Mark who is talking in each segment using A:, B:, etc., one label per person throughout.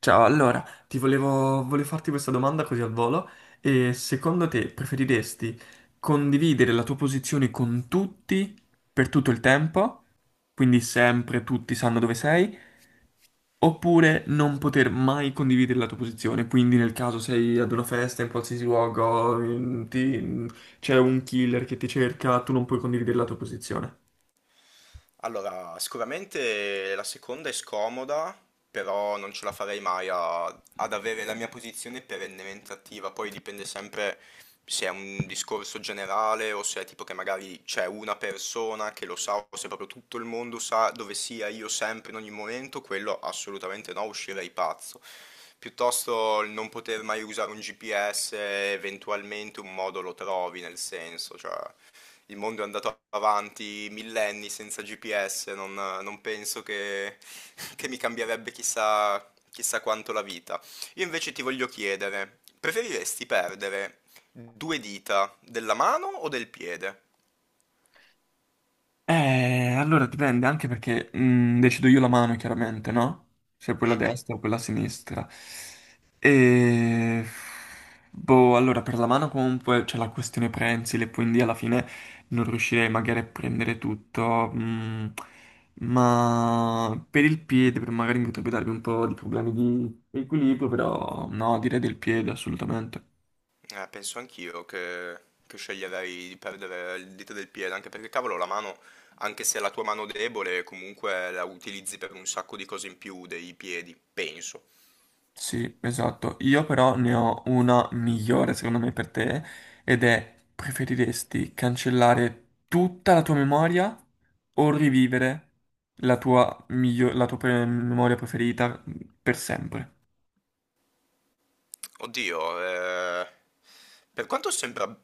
A: Ciao, allora, ti volevo farti questa domanda così al volo. E secondo te preferiresti condividere la tua posizione con tutti per tutto il tempo, quindi sempre tutti sanno dove sei, oppure non poter mai condividere la tua posizione? Quindi nel caso sei ad una festa in qualsiasi luogo, c'è un killer che ti cerca, tu non puoi condividere la tua posizione.
B: Allora, sicuramente la seconda è scomoda, però non ce la farei mai ad avere la mia posizione perennemente attiva. Poi dipende sempre se è un discorso generale o se è tipo che magari c'è una persona che lo sa o se proprio tutto il mondo sa dove sia io sempre in ogni momento, quello assolutamente no, uscirei pazzo. Piuttosto il non poter mai usare un GPS, eventualmente un modo lo trovi, nel senso, cioè il mondo è andato avanti millenni senza GPS, non penso che, che mi cambierebbe chissà, chissà quanto la vita. Io invece ti voglio chiedere, preferiresti perdere due dita, della mano o del piede?
A: Allora dipende anche perché decido io la mano, chiaramente, no? Se quella
B: Mh-mh.
A: destra o quella sinistra. E... Boh, allora per la mano comunque c'è la questione prensile, quindi alla fine non riuscirei magari a prendere tutto. Ma per il piede magari mi potrebbe darvi un po' di problemi di equilibrio, però no, direi del piede assolutamente.
B: Penso anch'io che sceglierei di perdere il dito del piede, anche perché cavolo la mano, anche se è la tua mano debole, comunque la utilizzi per un sacco di cose in più dei piedi, penso.
A: Sì, esatto. Io però ne ho una migliore secondo me per te ed è preferiresti cancellare tutta la tua memoria o rivivere la tua memoria preferita per sempre?
B: Oddio, per quanto sembra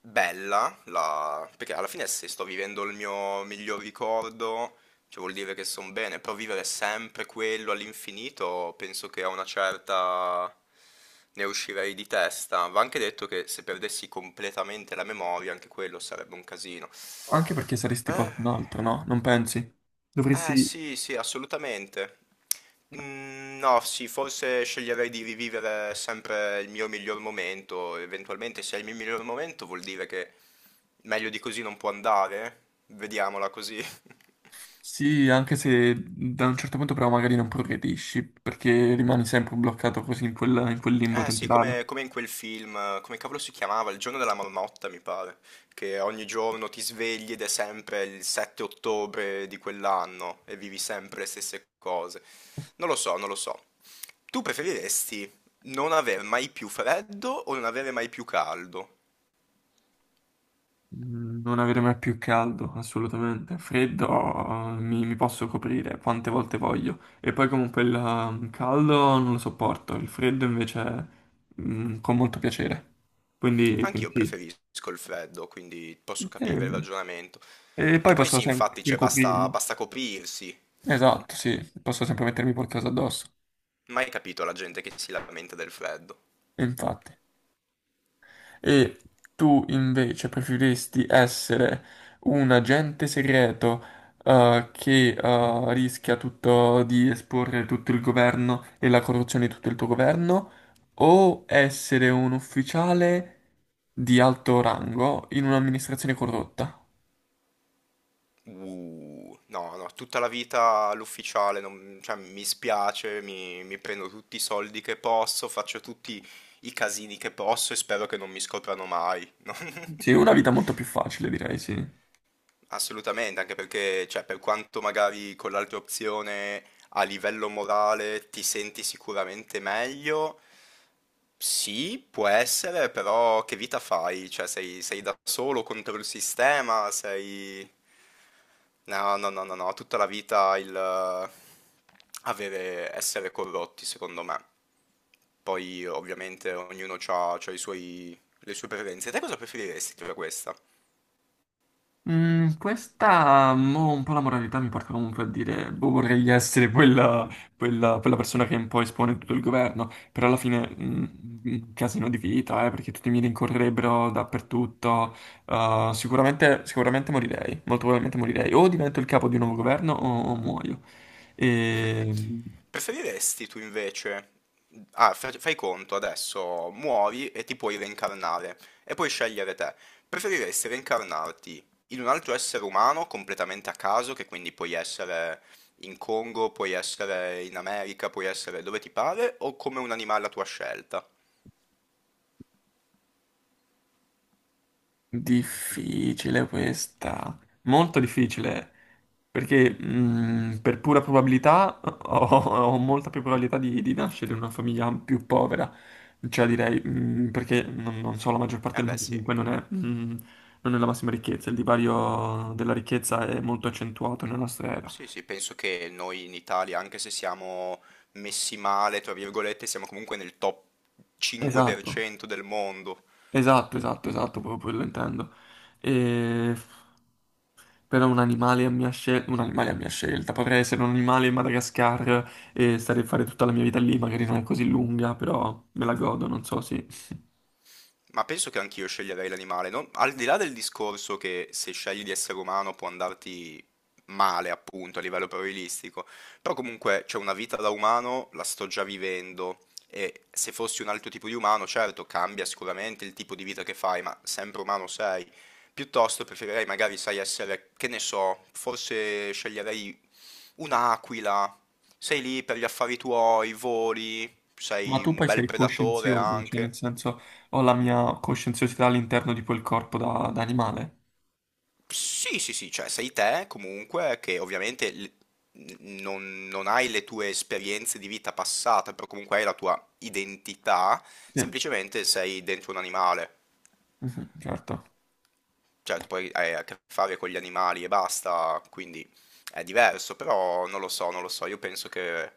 B: bella, perché alla fine se sto vivendo il mio miglior ricordo, cioè vuol dire che sono bene, però vivere sempre quello all'infinito, penso che a una certa ne uscirei di testa. Va anche detto che se perdessi completamente la memoria, anche quello sarebbe un casino.
A: Anche perché saresti
B: Eh,
A: qualcun altro, no? Non pensi?
B: eh
A: Dovresti.
B: sì, sì, assolutamente. Mm, no, sì, forse sceglierei di rivivere sempre il mio miglior momento. Eventualmente, se è il mio miglior momento, vuol dire che meglio di così non può andare. Vediamola così.
A: Sì, anche se da un certo punto però magari non progredisci perché rimani sempre bloccato così in quel limbo
B: Eh sì,
A: temporale.
B: come in quel film, come cavolo si chiamava? Il giorno della marmotta, mi pare, che ogni giorno ti svegli ed è sempre il 7 ottobre di quell'anno e vivi sempre le stesse cose. Non lo so, non lo so. Tu preferiresti non aver mai più freddo o non avere mai più caldo?
A: Non avere mai più caldo, assolutamente. Freddo, mi posso coprire quante volte voglio. E poi comunque il caldo non lo sopporto, il freddo invece con molto piacere. Quindi
B: Anch'io
A: sì.
B: preferisco il freddo, quindi posso capire il
A: Ehm,
B: ragionamento.
A: E poi
B: Che poi
A: posso
B: sì, infatti,
A: sempre
B: cioè,
A: coprirmi.
B: basta coprirsi.
A: Esatto, sì, posso sempre mettermi qualcosa addosso.
B: Mai capito la gente che si lamenta del freddo.
A: E infatti. E tu invece preferiresti essere un agente segreto che rischia tutto di esporre tutto il governo e la corruzione di tutto il tuo governo, o essere un ufficiale di alto rango in un'amministrazione corrotta?
B: No, no, tutta la vita all'ufficiale, cioè, mi spiace, mi prendo tutti i soldi che posso, faccio tutti i casini che posso e spero che non mi scoprano mai. No?
A: Sì, una vita molto più facile, direi, sì.
B: Assolutamente, anche perché, cioè, per quanto magari con l'altra opzione a livello morale ti senti sicuramente meglio, sì, può essere, però che vita fai? Cioè, sei da solo contro il sistema, sei... No, no, no, no, no, tutta la vita il avere, essere corrotti, secondo me. Poi, ovviamente, ognuno ha i suoi, le sue preferenze. Te cosa preferiresti tra questa?
A: Questa, un po' la moralità mi porta comunque a dire, boh, vorrei essere quella persona che un po' espone tutto il governo, però alla fine, un casino di vita, perché tutti mi rincorrerebbero dappertutto. Sicuramente morirei, molto probabilmente morirei, o divento il capo di un nuovo governo o muoio. E...
B: Preferiresti tu invece, ah, fai conto adesso, muori e ti puoi reincarnare e puoi scegliere te. Preferiresti reincarnarti in un altro essere umano completamente a caso, che quindi puoi essere in Congo, puoi essere in America, puoi essere dove ti pare, o come un animale a tua scelta?
A: Difficile questa, molto difficile, perché per pura probabilità ho molta più probabilità di nascere in una famiglia più povera, cioè direi, perché non so, la maggior parte
B: Eh
A: del
B: beh
A: mondo
B: sì,
A: comunque non è la massima ricchezza, il divario della ricchezza è molto accentuato nella nostra era.
B: sì, sì, penso che noi in Italia, anche se siamo messi male, tra virgolette, siamo comunque nel top
A: Esatto,
B: 5% del mondo.
A: esatto, esatto, esatto, proprio quello intendo. E Però un animale a mia scelta, un animale a mia scelta, potrei essere un animale in Madagascar e stare a fare tutta la mia vita lì, magari non è così lunga, però me la godo, non so, sì.
B: Ma penso che anch'io sceglierei l'animale, al di là del discorso che se scegli di essere umano può andarti male, appunto, a livello probabilistico, però comunque c'è una vita da umano, la sto già vivendo e se fossi un altro tipo di umano, certo, cambia sicuramente il tipo di vita che fai, ma sempre umano sei. Piuttosto preferirei magari, sai, essere, che ne so, forse sceglierei un'aquila, sei lì per gli affari tuoi, voli,
A: Ma
B: sei
A: tu
B: un
A: poi
B: bel
A: sei
B: predatore
A: coscienzioso, cioè
B: anche.
A: nel senso ho la mia coscienziosità all'interno di quel corpo da animale.
B: Sì, sì, sì, cioè sei te comunque che ovviamente non hai le tue esperienze di vita passata, però comunque hai la tua identità,
A: Sì,
B: semplicemente sei dentro un animale,
A: mhm, certo.
B: cioè tu poi hai a che fare con gli animali e basta, quindi è diverso, però non lo so, non lo so, io penso che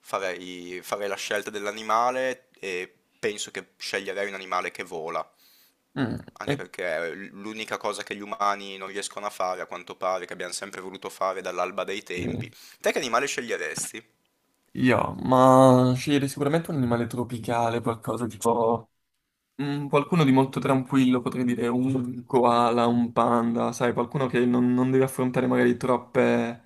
B: farei la scelta dell'animale e penso che sceglierei un animale che vola.
A: Mm,
B: Anche
A: e-
B: perché l'unica cosa che gli umani non riescono a fare, a quanto pare, che abbiamo sempre voluto fare dall'alba dei
A: eh,
B: tempi. Te che animale sceglieresti?
A: io, ma sceglierei sicuramente un animale tropicale, qualcosa tipo qualcuno di molto tranquillo, potrei dire un koala, un panda, sai, qualcuno che non deve affrontare magari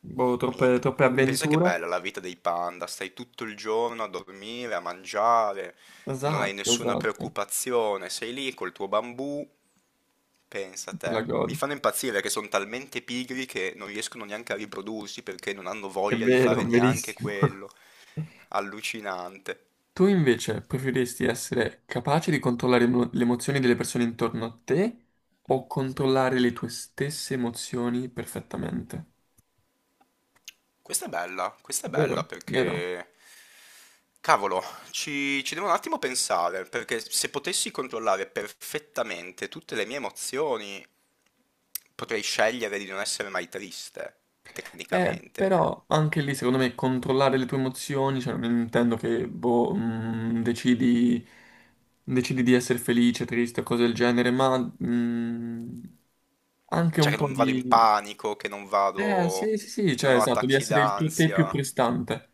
A: boh, troppe,
B: Minchia.
A: troppe
B: Pensa che bella
A: avventure.
B: la vita dei panda, stai tutto il giorno a dormire, a mangiare, non hai
A: Esatto,
B: nessuna
A: esatto, te
B: preoccupazione, sei lì col tuo bambù, pensa a
A: la
B: te. Mi
A: godi.
B: fanno impazzire che sono talmente pigri che non riescono neanche a riprodursi perché non hanno
A: È
B: voglia di
A: vero,
B: fare neanche
A: verissimo.
B: quello. Allucinante.
A: Tu invece preferiresti essere capace di controllare le emozioni delle persone intorno a te o controllare le tue stesse emozioni perfettamente?
B: Questa è bella
A: Vero, vero.
B: perché, cavolo, ci devo un attimo pensare, perché se potessi controllare perfettamente tutte le mie emozioni, potrei scegliere di non essere mai triste, tecnicamente.
A: Però anche lì secondo me controllare le tue emozioni, cioè non intendo che boh, decidi di essere felice, triste o cose del genere, ma mm, anche
B: Cioè
A: un
B: che
A: po'
B: non vado in
A: di...
B: panico, che non
A: Eh sì,
B: vado,
A: sì, sì, cioè
B: non ho
A: esatto, di
B: attacchi
A: essere il tuo te più
B: d'ansia.
A: prestante.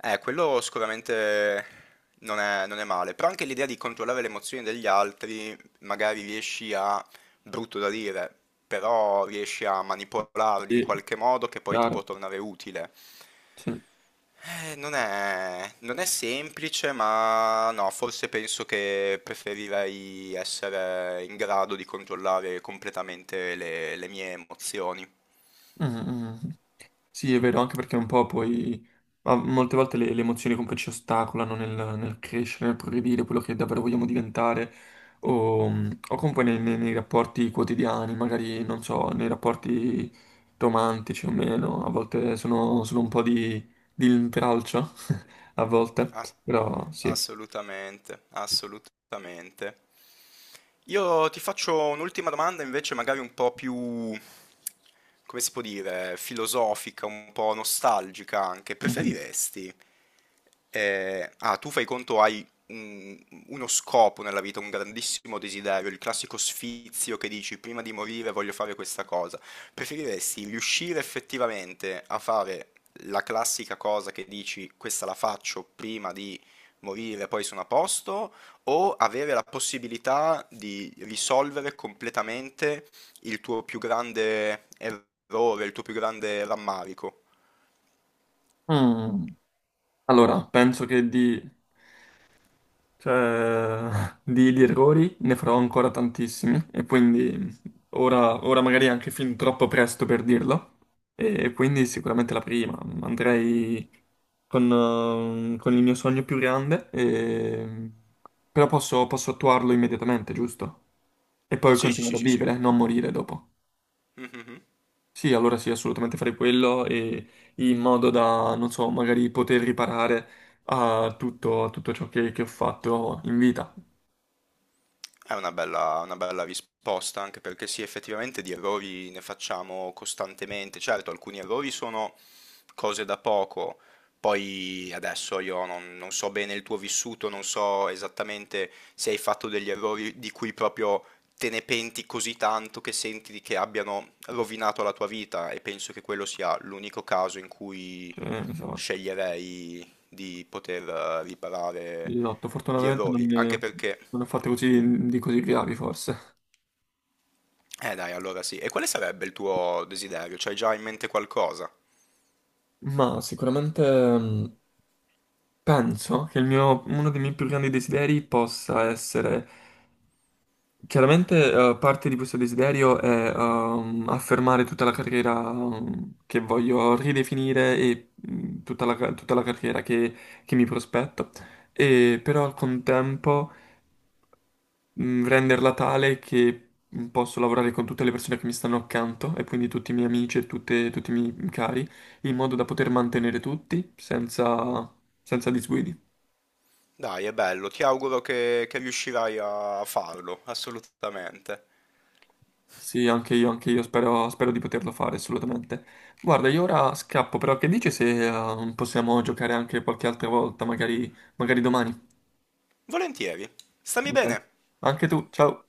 B: Quello sicuramente non è male, però anche l'idea di controllare le emozioni degli altri, magari riesci a, brutto da dire, però riesci a manipolarli in
A: Sì,
B: qualche modo che poi ti può
A: chiaro.
B: tornare utile.
A: Sì. Mm,
B: Non è semplice, ma no, forse penso che preferirei essere in grado di controllare completamente le mie emozioni.
A: mm. Mm. Sì, è vero, anche perché un po' poi ma molte volte le emozioni comunque ci ostacolano nel crescere, nel progredire, quello che davvero vogliamo diventare, o, o comunque nei rapporti quotidiani, magari, non so, nei rapporti romantici o meno, a volte sono un po' di intralcio, a volte,
B: Ass-
A: però sì.
B: assolutamente, assolutamente. Io ti faccio un'ultima domanda invece magari un po' più, come si può dire, filosofica, un po' nostalgica anche.
A: Mhm.
B: Preferiresti... tu fai conto hai uno scopo nella vita, un grandissimo desiderio, il classico sfizio che dici prima di morire voglio fare questa cosa. Preferiresti riuscire effettivamente a fare la classica cosa che dici questa la faccio prima di morire, poi sono a posto? O avere la possibilità di risolvere completamente il tuo più grande errore, il tuo più grande rammarico.
A: Mm. Allora, penso che di cioè, di errori ne farò ancora tantissimi e quindi ora magari è anche fin troppo presto per dirlo e quindi sicuramente la prima. Andrei con il mio sogno più grande, però posso attuarlo immediatamente, giusto? E poi
B: Sì, sì, sì,
A: continuare a
B: sì, sì.
A: vivere, non morire dopo.
B: Mhm.
A: Sì, allora sì, assolutamente farei quello e in modo da, non so, magari poter riparare a tutto ciò che ho fatto in vita.
B: Una bella risposta, anche perché sì, effettivamente di errori ne facciamo costantemente. Certo, alcuni errori sono cose da poco. Poi adesso io non so bene il tuo vissuto, non so esattamente se hai fatto degli errori di cui proprio te ne penti così tanto che senti che abbiano rovinato la tua vita e penso che quello sia l'unico caso in cui
A: Cioè, insomma.
B: sceglierei di poter riparare
A: Esatto,
B: gli
A: fortunatamente non,
B: errori, anche
A: ne,
B: perché...
A: non ho fatto così gravi forse.
B: Dai, allora sì. E quale sarebbe il tuo desiderio? C'hai già in mente qualcosa?
A: Ma sicuramente mh, penso che uno dei miei più grandi desideri possa essere... Chiaramente parte di questo desiderio è affermare tutta la carriera che voglio ridefinire e tutta la carriera che mi prospetto. E, però al contempo renderla tale che posso lavorare con tutte le persone che mi stanno accanto e quindi tutti i miei amici e tutti i miei cari, in modo da poter mantenere tutti senza disguidi.
B: Dai, è bello, ti auguro che riuscirai a farlo, assolutamente.
A: Sì, anche io spero di poterlo fare assolutamente. Guarda, io ora scappo, però che dici se possiamo giocare anche qualche altra volta, magari domani?
B: Volentieri. Stammi
A: Dai.
B: bene.
A: Anche tu, ciao.